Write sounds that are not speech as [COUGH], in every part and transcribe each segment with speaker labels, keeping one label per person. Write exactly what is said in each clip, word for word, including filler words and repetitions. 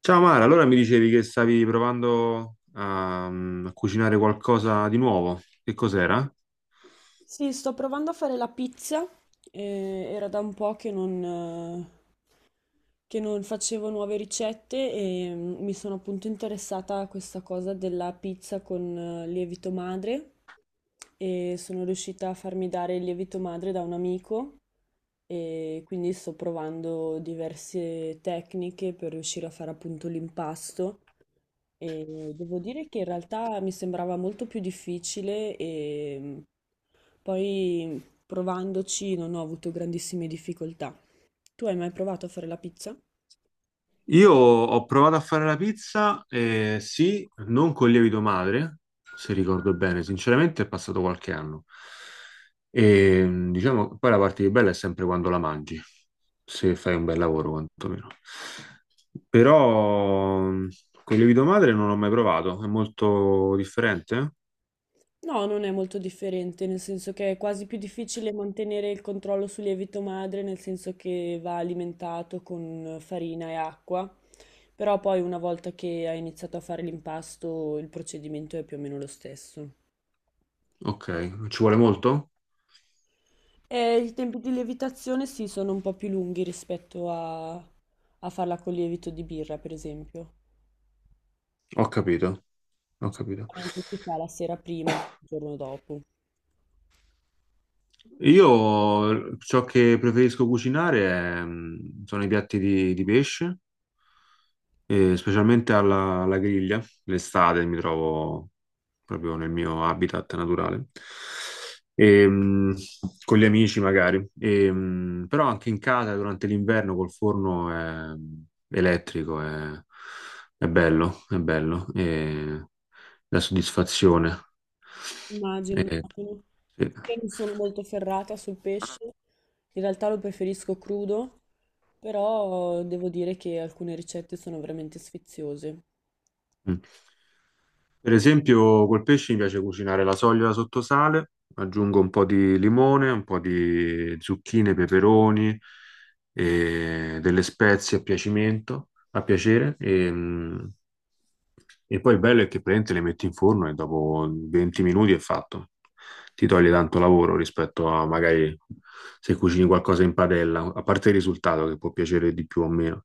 Speaker 1: Ciao Mara, allora mi dicevi che stavi provando a, a cucinare qualcosa di nuovo. Che cos'era?
Speaker 2: Sì, sto provando a fare la pizza. Eh, era da un po' che non, eh, che non facevo nuove ricette e mm, mi sono appunto interessata a questa cosa della pizza con eh, lievito madre e sono riuscita a farmi dare il lievito madre da un amico e quindi sto provando diverse tecniche per riuscire a fare appunto l'impasto. E devo dire che in realtà mi sembrava molto più difficile e mm, poi provandoci non ho avuto grandissime difficoltà. Tu hai mai provato a fare la pizza?
Speaker 1: Io ho provato a fare la pizza, eh, sì, non col lievito madre, se ricordo bene, sinceramente è passato qualche anno. E mm, diciamo, poi la parte più bella è sempre quando la mangi, se fai un bel lavoro quantomeno. Però mm, col lievito madre non l'ho mai provato, è molto differente?
Speaker 2: No, non è molto differente, nel senso che è quasi più difficile mantenere il controllo sul lievito madre, nel senso che va alimentato con farina e acqua, però poi una volta che hai iniziato a fare l'impasto il procedimento è più o meno lo stesso.
Speaker 1: Ok, ci vuole molto?
Speaker 2: E i tempi di lievitazione sì, sono un po' più lunghi rispetto a, a farla con lievito di birra, per esempio.
Speaker 1: Ho capito. Ho capito.
Speaker 2: Solitamente si fa la sera prima, il giorno dopo.
Speaker 1: Io ciò che preferisco cucinare è, mm, sono i piatti di, di pesce, e specialmente alla, alla griglia. L'estate mi trovo proprio nel mio habitat naturale. E, mm, con gli amici magari. E, mm, però anche in casa durante l'inverno col forno è- mm, elettrico è, è bello, è bello. E la soddisfazione.
Speaker 2: Immagino,
Speaker 1: E-
Speaker 2: immagino.
Speaker 1: sì.
Speaker 2: Io non sono molto ferrata sul pesce, in realtà lo preferisco crudo, però devo dire che alcune ricette sono veramente sfiziose.
Speaker 1: mm. Per esempio, col pesce mi piace cucinare la soglia sotto sale, aggiungo un po' di limone, un po' di zucchine, peperoni e delle spezie a piacimento, a piacere. E, mm, e poi il bello è che praticamente le metti in forno e dopo venti minuti è fatto. Ti toglie tanto lavoro rispetto a magari se cucini qualcosa in padella, a parte il risultato che può piacere di più o meno,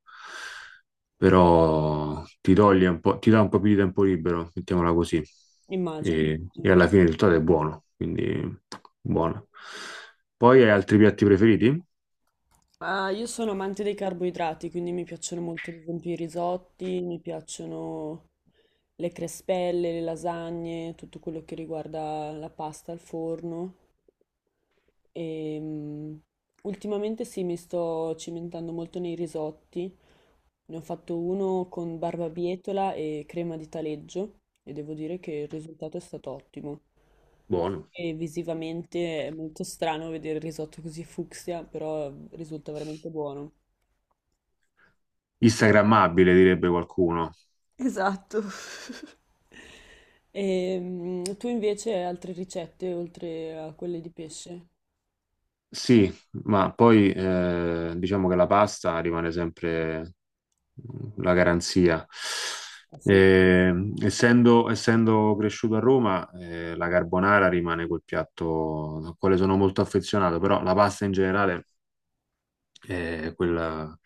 Speaker 1: però ti toglie un po', ti dà un po' più di tempo libero, mettiamola così.
Speaker 2: Immagino.
Speaker 1: E, e alla fine il risultato è buono, quindi buono. Poi hai altri piatti preferiti?
Speaker 2: Ah, io sono amante dei carboidrati, quindi mi piacciono molto, ad esempio, i risotti, mi piacciono le crespelle, le lasagne, tutto quello che riguarda la pasta al forno. E, mh, ultimamente sì, mi sto cimentando molto nei risotti. Ne ho fatto uno con barbabietola e crema di taleggio e devo dire che il risultato è stato ottimo.
Speaker 1: Buono.
Speaker 2: E visivamente è molto strano vedere il risotto così fucsia, però risulta veramente buono.
Speaker 1: Instagrammabile, direbbe qualcuno.
Speaker 2: Esatto. [LAUGHS] E tu invece hai altre ricette oltre a quelle di pesce?
Speaker 1: Sì, ma poi eh, diciamo che la pasta rimane sempre mm, la garanzia.
Speaker 2: Ah, sì,
Speaker 1: Eh, essendo, essendo cresciuto a Roma, eh, la carbonara rimane quel piatto al quale sono molto affezionato, però la pasta in generale eh, quella-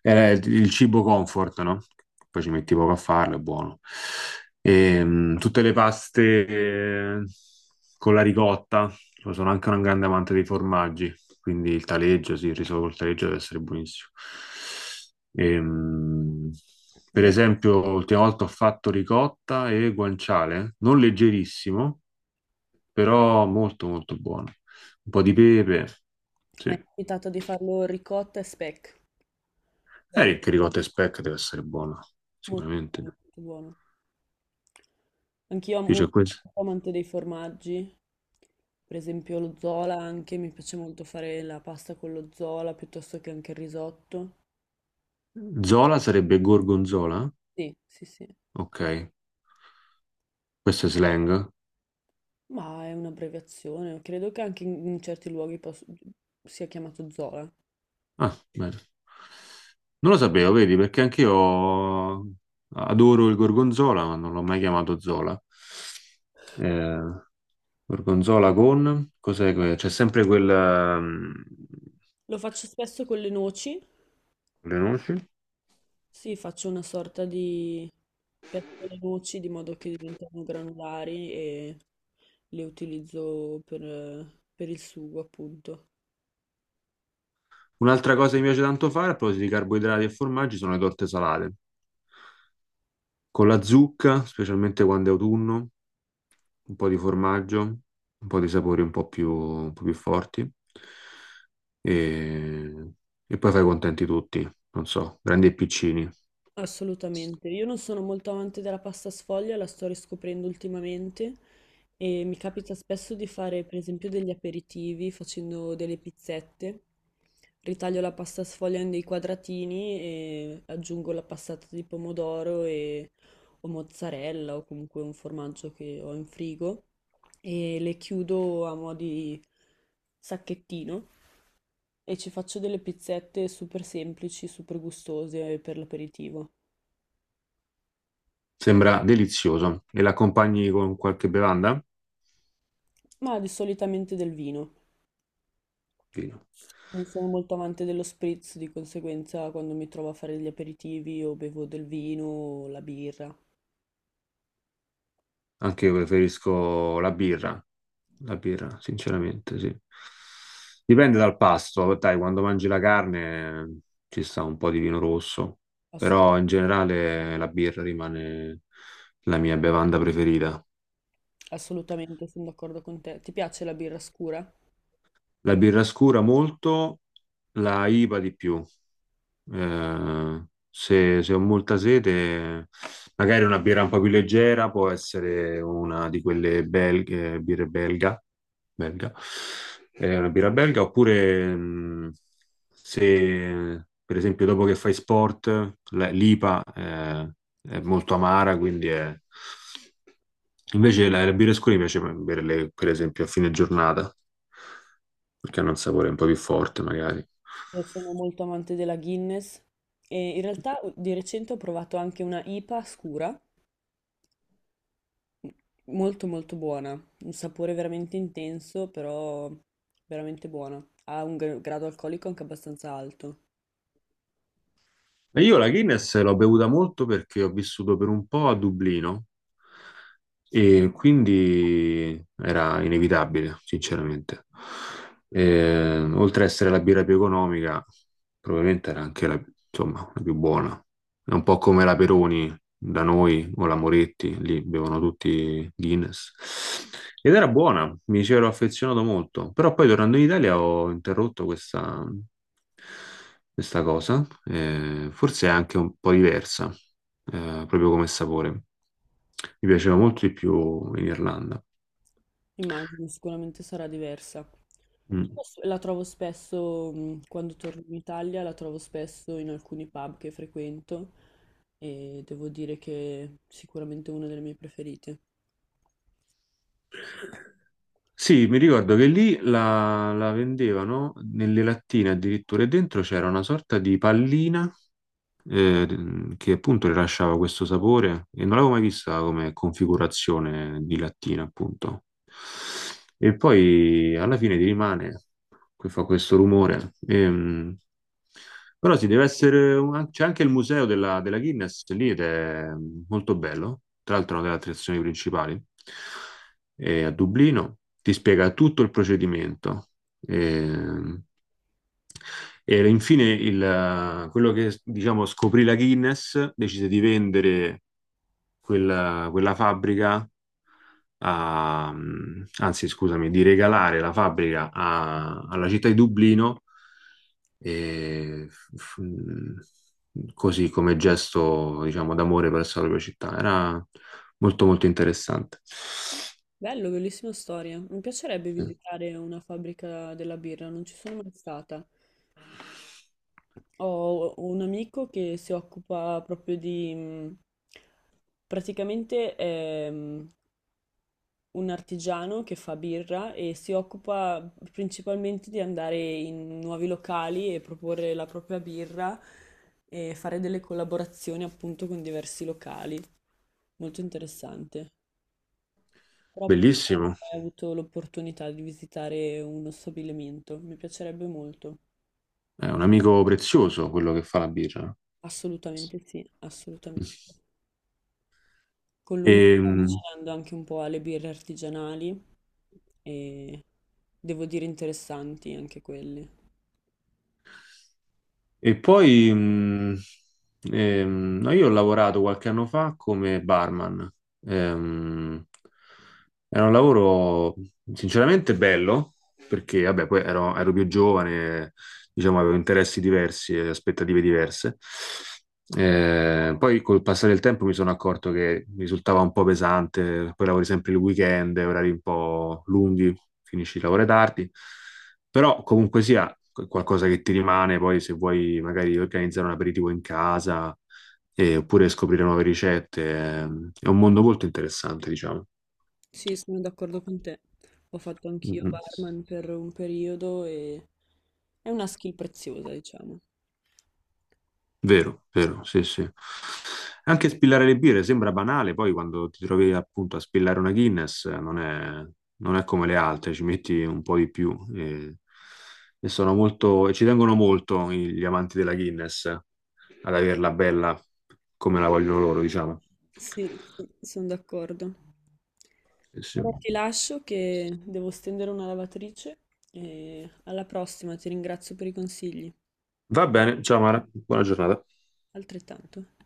Speaker 1: era il il cibo comfort, no? Poi ci metti poco a farlo, è buono. Ehm, tutte le paste eh, con la ricotta. Io sono anche un grande amante dei formaggi, quindi il taleggio, sì, il riso col taleggio deve essere buonissimo. Ehm, per
Speaker 2: grazie.
Speaker 1: esempio, l'ultima volta ho fatto ricotta e guanciale, non leggerissimo, però molto molto buono. Un po' di pepe,
Speaker 2: Mi è
Speaker 1: sì.
Speaker 2: capitato di farlo ricotta e speck.
Speaker 1: Eh,
Speaker 2: È
Speaker 1: Eric, ricotta e speck deve essere buona,
Speaker 2: molto,
Speaker 1: sicuramente.
Speaker 2: buono, molto buono. Anch'io amo
Speaker 1: Sì, c'è questo.
Speaker 2: molto amante dei formaggi, per esempio lo zola anche, mi piace molto fare la pasta con lo zola piuttosto che anche il risotto.
Speaker 1: Zola sarebbe gorgonzola?
Speaker 2: Sì, sì, sì,
Speaker 1: Ok, questo è slang.
Speaker 2: ma è un'abbreviazione, credo che anche in, in certi luoghi pos- sia chiamato zola.
Speaker 1: Ah, bene. Non lo sapevo, vedi, perché anch'io adoro il gorgonzola, ma non l'ho mai chiamato Zola. Eh, gorgonzola con... Cos'è? que- C'è sempre quel... ehm,
Speaker 2: Lo faccio spesso con le noci,
Speaker 1: le noci.
Speaker 2: sì, faccio una sorta di pesto alle noci di modo che diventano granulari e le utilizzo per per il sugo, appunto.
Speaker 1: Un'altra cosa che mi piace tanto fare, a proposito di carboidrati e formaggi, sono le torte salate. Con la zucca, specialmente quando è autunno, un po' di formaggio, un po' di sapori un po' più, un po' più forti e, e poi fai contenti tutti, non so, grandi e piccini.
Speaker 2: Assolutamente, io non sono molto amante della pasta sfoglia, la sto riscoprendo ultimamente e mi capita spesso di fare per esempio degli aperitivi facendo delle pizzette, ritaglio la pasta sfoglia in dei quadratini e aggiungo la passata di pomodoro e, o mozzarella o comunque un formaggio che ho in frigo e le chiudo a mo' di sacchettino e ci faccio delle pizzette super semplici, super gustose per l'aperitivo.
Speaker 1: Sembra delizioso e l'accompagni con qualche bevanda?
Speaker 2: Ma di- solitamente del vino.
Speaker 1: Vino.
Speaker 2: Non sono molto amante dello spritz, di conseguenza quando mi trovo a fare gli aperitivi o bevo del vino o la birra.
Speaker 1: Anche io preferisco la birra, la birra, sinceramente, sì. Dipende dal pasto, dai, quando mangi la carne eh, ci sta un po' di vino rosso,
Speaker 2: Asso-
Speaker 1: però in generale la birra rimane la mia bevanda preferita.
Speaker 2: Assolutamente, sono d'accordo con te. Ti piace la birra scura?
Speaker 1: La birra scura molto, la I V A di più. Eh, se, se ho molta sete, magari una birra un po' più leggera può essere una di quelle belghe, birre belga, belga, eh, una birra belga, oppure mh, se per esempio dopo che fai sport, la- l'I P A eh, è molto amara, quindi è... Invece la, la birra scura mi piace berle, per esempio, a fine giornata, perché hanno un sapore un po' più forte, magari.
Speaker 2: Io sono molto amante della Guinness e in realtà di recente ho provato anche una I P A scura, molto molto buona, un sapore veramente intenso, però veramente buona. Ha un gra- grado alcolico anche abbastanza alto.
Speaker 1: E io la Guinness l'ho bevuta molto perché ho vissuto per un po' a Dublino e quindi era inevitabile, sinceramente. E, oltre a essere la birra più economica, probabilmente era anche la, insomma, la più buona. È un po' come la Peroni da noi o la Moretti, lì bevono tutti Guinness. Ed era buona, mi ci ero affezionato molto, però poi tornando in Italia ho interrotto questa, questa cosa, eh, forse è anche un po' diversa, eh, proprio come sapore. Mi piaceva molto di più in Irlanda.
Speaker 2: Immagino, sicuramente sarà diversa.
Speaker 1: Mm.
Speaker 2: Io s- la trovo spesso, mh, quando torno in Italia, la trovo spesso in alcuni pub che frequento e devo dire che è sicuramente una delle mie preferite.
Speaker 1: Sì, mi ricordo che lì la, la vendevano nelle lattine addirittura e dentro c'era una sorta di pallina eh, che appunto rilasciava questo sapore e non l'avevo mai vista come configurazione di lattina, appunto. E poi alla fine ti rimane, che fa questo rumore. Ehm, però sì, deve essere un- c'è anche il museo della, della Guinness lì, ed è molto bello, tra l'altro è una delle attrazioni principali eh, a Dublino, ti spiega tutto il procedimento. Eh, e infine il- quello che diciamo scoprì la Guinness, decise di vendere quella, quella fabbrica, a- anzi scusami, di regalare la fabbrica a- alla città di Dublino, eh, f- così come gesto diciamo d'amore verso la propria città. Era molto molto interessante.
Speaker 2: Bello, bellissima storia. Mi piacerebbe
Speaker 1: Sì.
Speaker 2: visitare una fabbrica della birra, non ci sono mai stata. Ho ho un amico che si occupa proprio di... mh, praticamente un artigiano che fa birra e si occupa principalmente di andare in nuovi locali e proporre la propria birra e fare delle collaborazioni appunto con diversi locali. Molto interessante. Però purtroppo non ho
Speaker 1: Bellissimo.
Speaker 2: mai avuto l'opportunità di visitare uno stabilimento. Mi piacerebbe molto.
Speaker 1: È un amico prezioso quello che fa la birra.
Speaker 2: Assolutamente sì, assolutamente. Con lui mi
Speaker 1: E,
Speaker 2: sto avvicinando anche un po' alle birre artigianali e devo dire interessanti anche quelle.
Speaker 1: e poi mh, ehm, no, io ho lavorato qualche anno fa come barman. Ehm, Era un lavoro sinceramente bello, perché vabbè, poi ero, ero più giovane, diciamo, avevo interessi diversi e aspettative diverse. Eh, poi col passare del tempo mi sono accorto che mi risultava un po' pesante, poi lavori sempre il weekend, orari un po' lunghi, finisci il lavoro tardi, però comunque sia qu- qualcosa che ti rimane, poi se vuoi magari organizzare un aperitivo in casa eh, oppure scoprire nuove ricette, ehm, è un mondo molto interessante, diciamo.
Speaker 2: Sì, sono d'accordo con te. Ho fatto
Speaker 1: Mm,
Speaker 2: anch'io
Speaker 1: mm.
Speaker 2: barman per un periodo e è una skill preziosa, diciamo.
Speaker 1: Vero, vero, sì, sì. Anche spillare le birre sembra banale, poi quando ti trovi appunto a spillare una Guinness eh, non è, non è come le altre, ci metti un po' di più e, e sono molto, e ci tengono molto i- gli amanti della Guinness eh, ad averla bella come la vogliono loro, diciamo.
Speaker 2: Sì, sì, sono d'accordo.
Speaker 1: Sì, sì.
Speaker 2: Ora ti lascio che devo stendere una lavatrice e alla prossima ti ringrazio per i consigli.
Speaker 1: Va bene, ciao Mara, buona giornata.
Speaker 2: Altrettanto.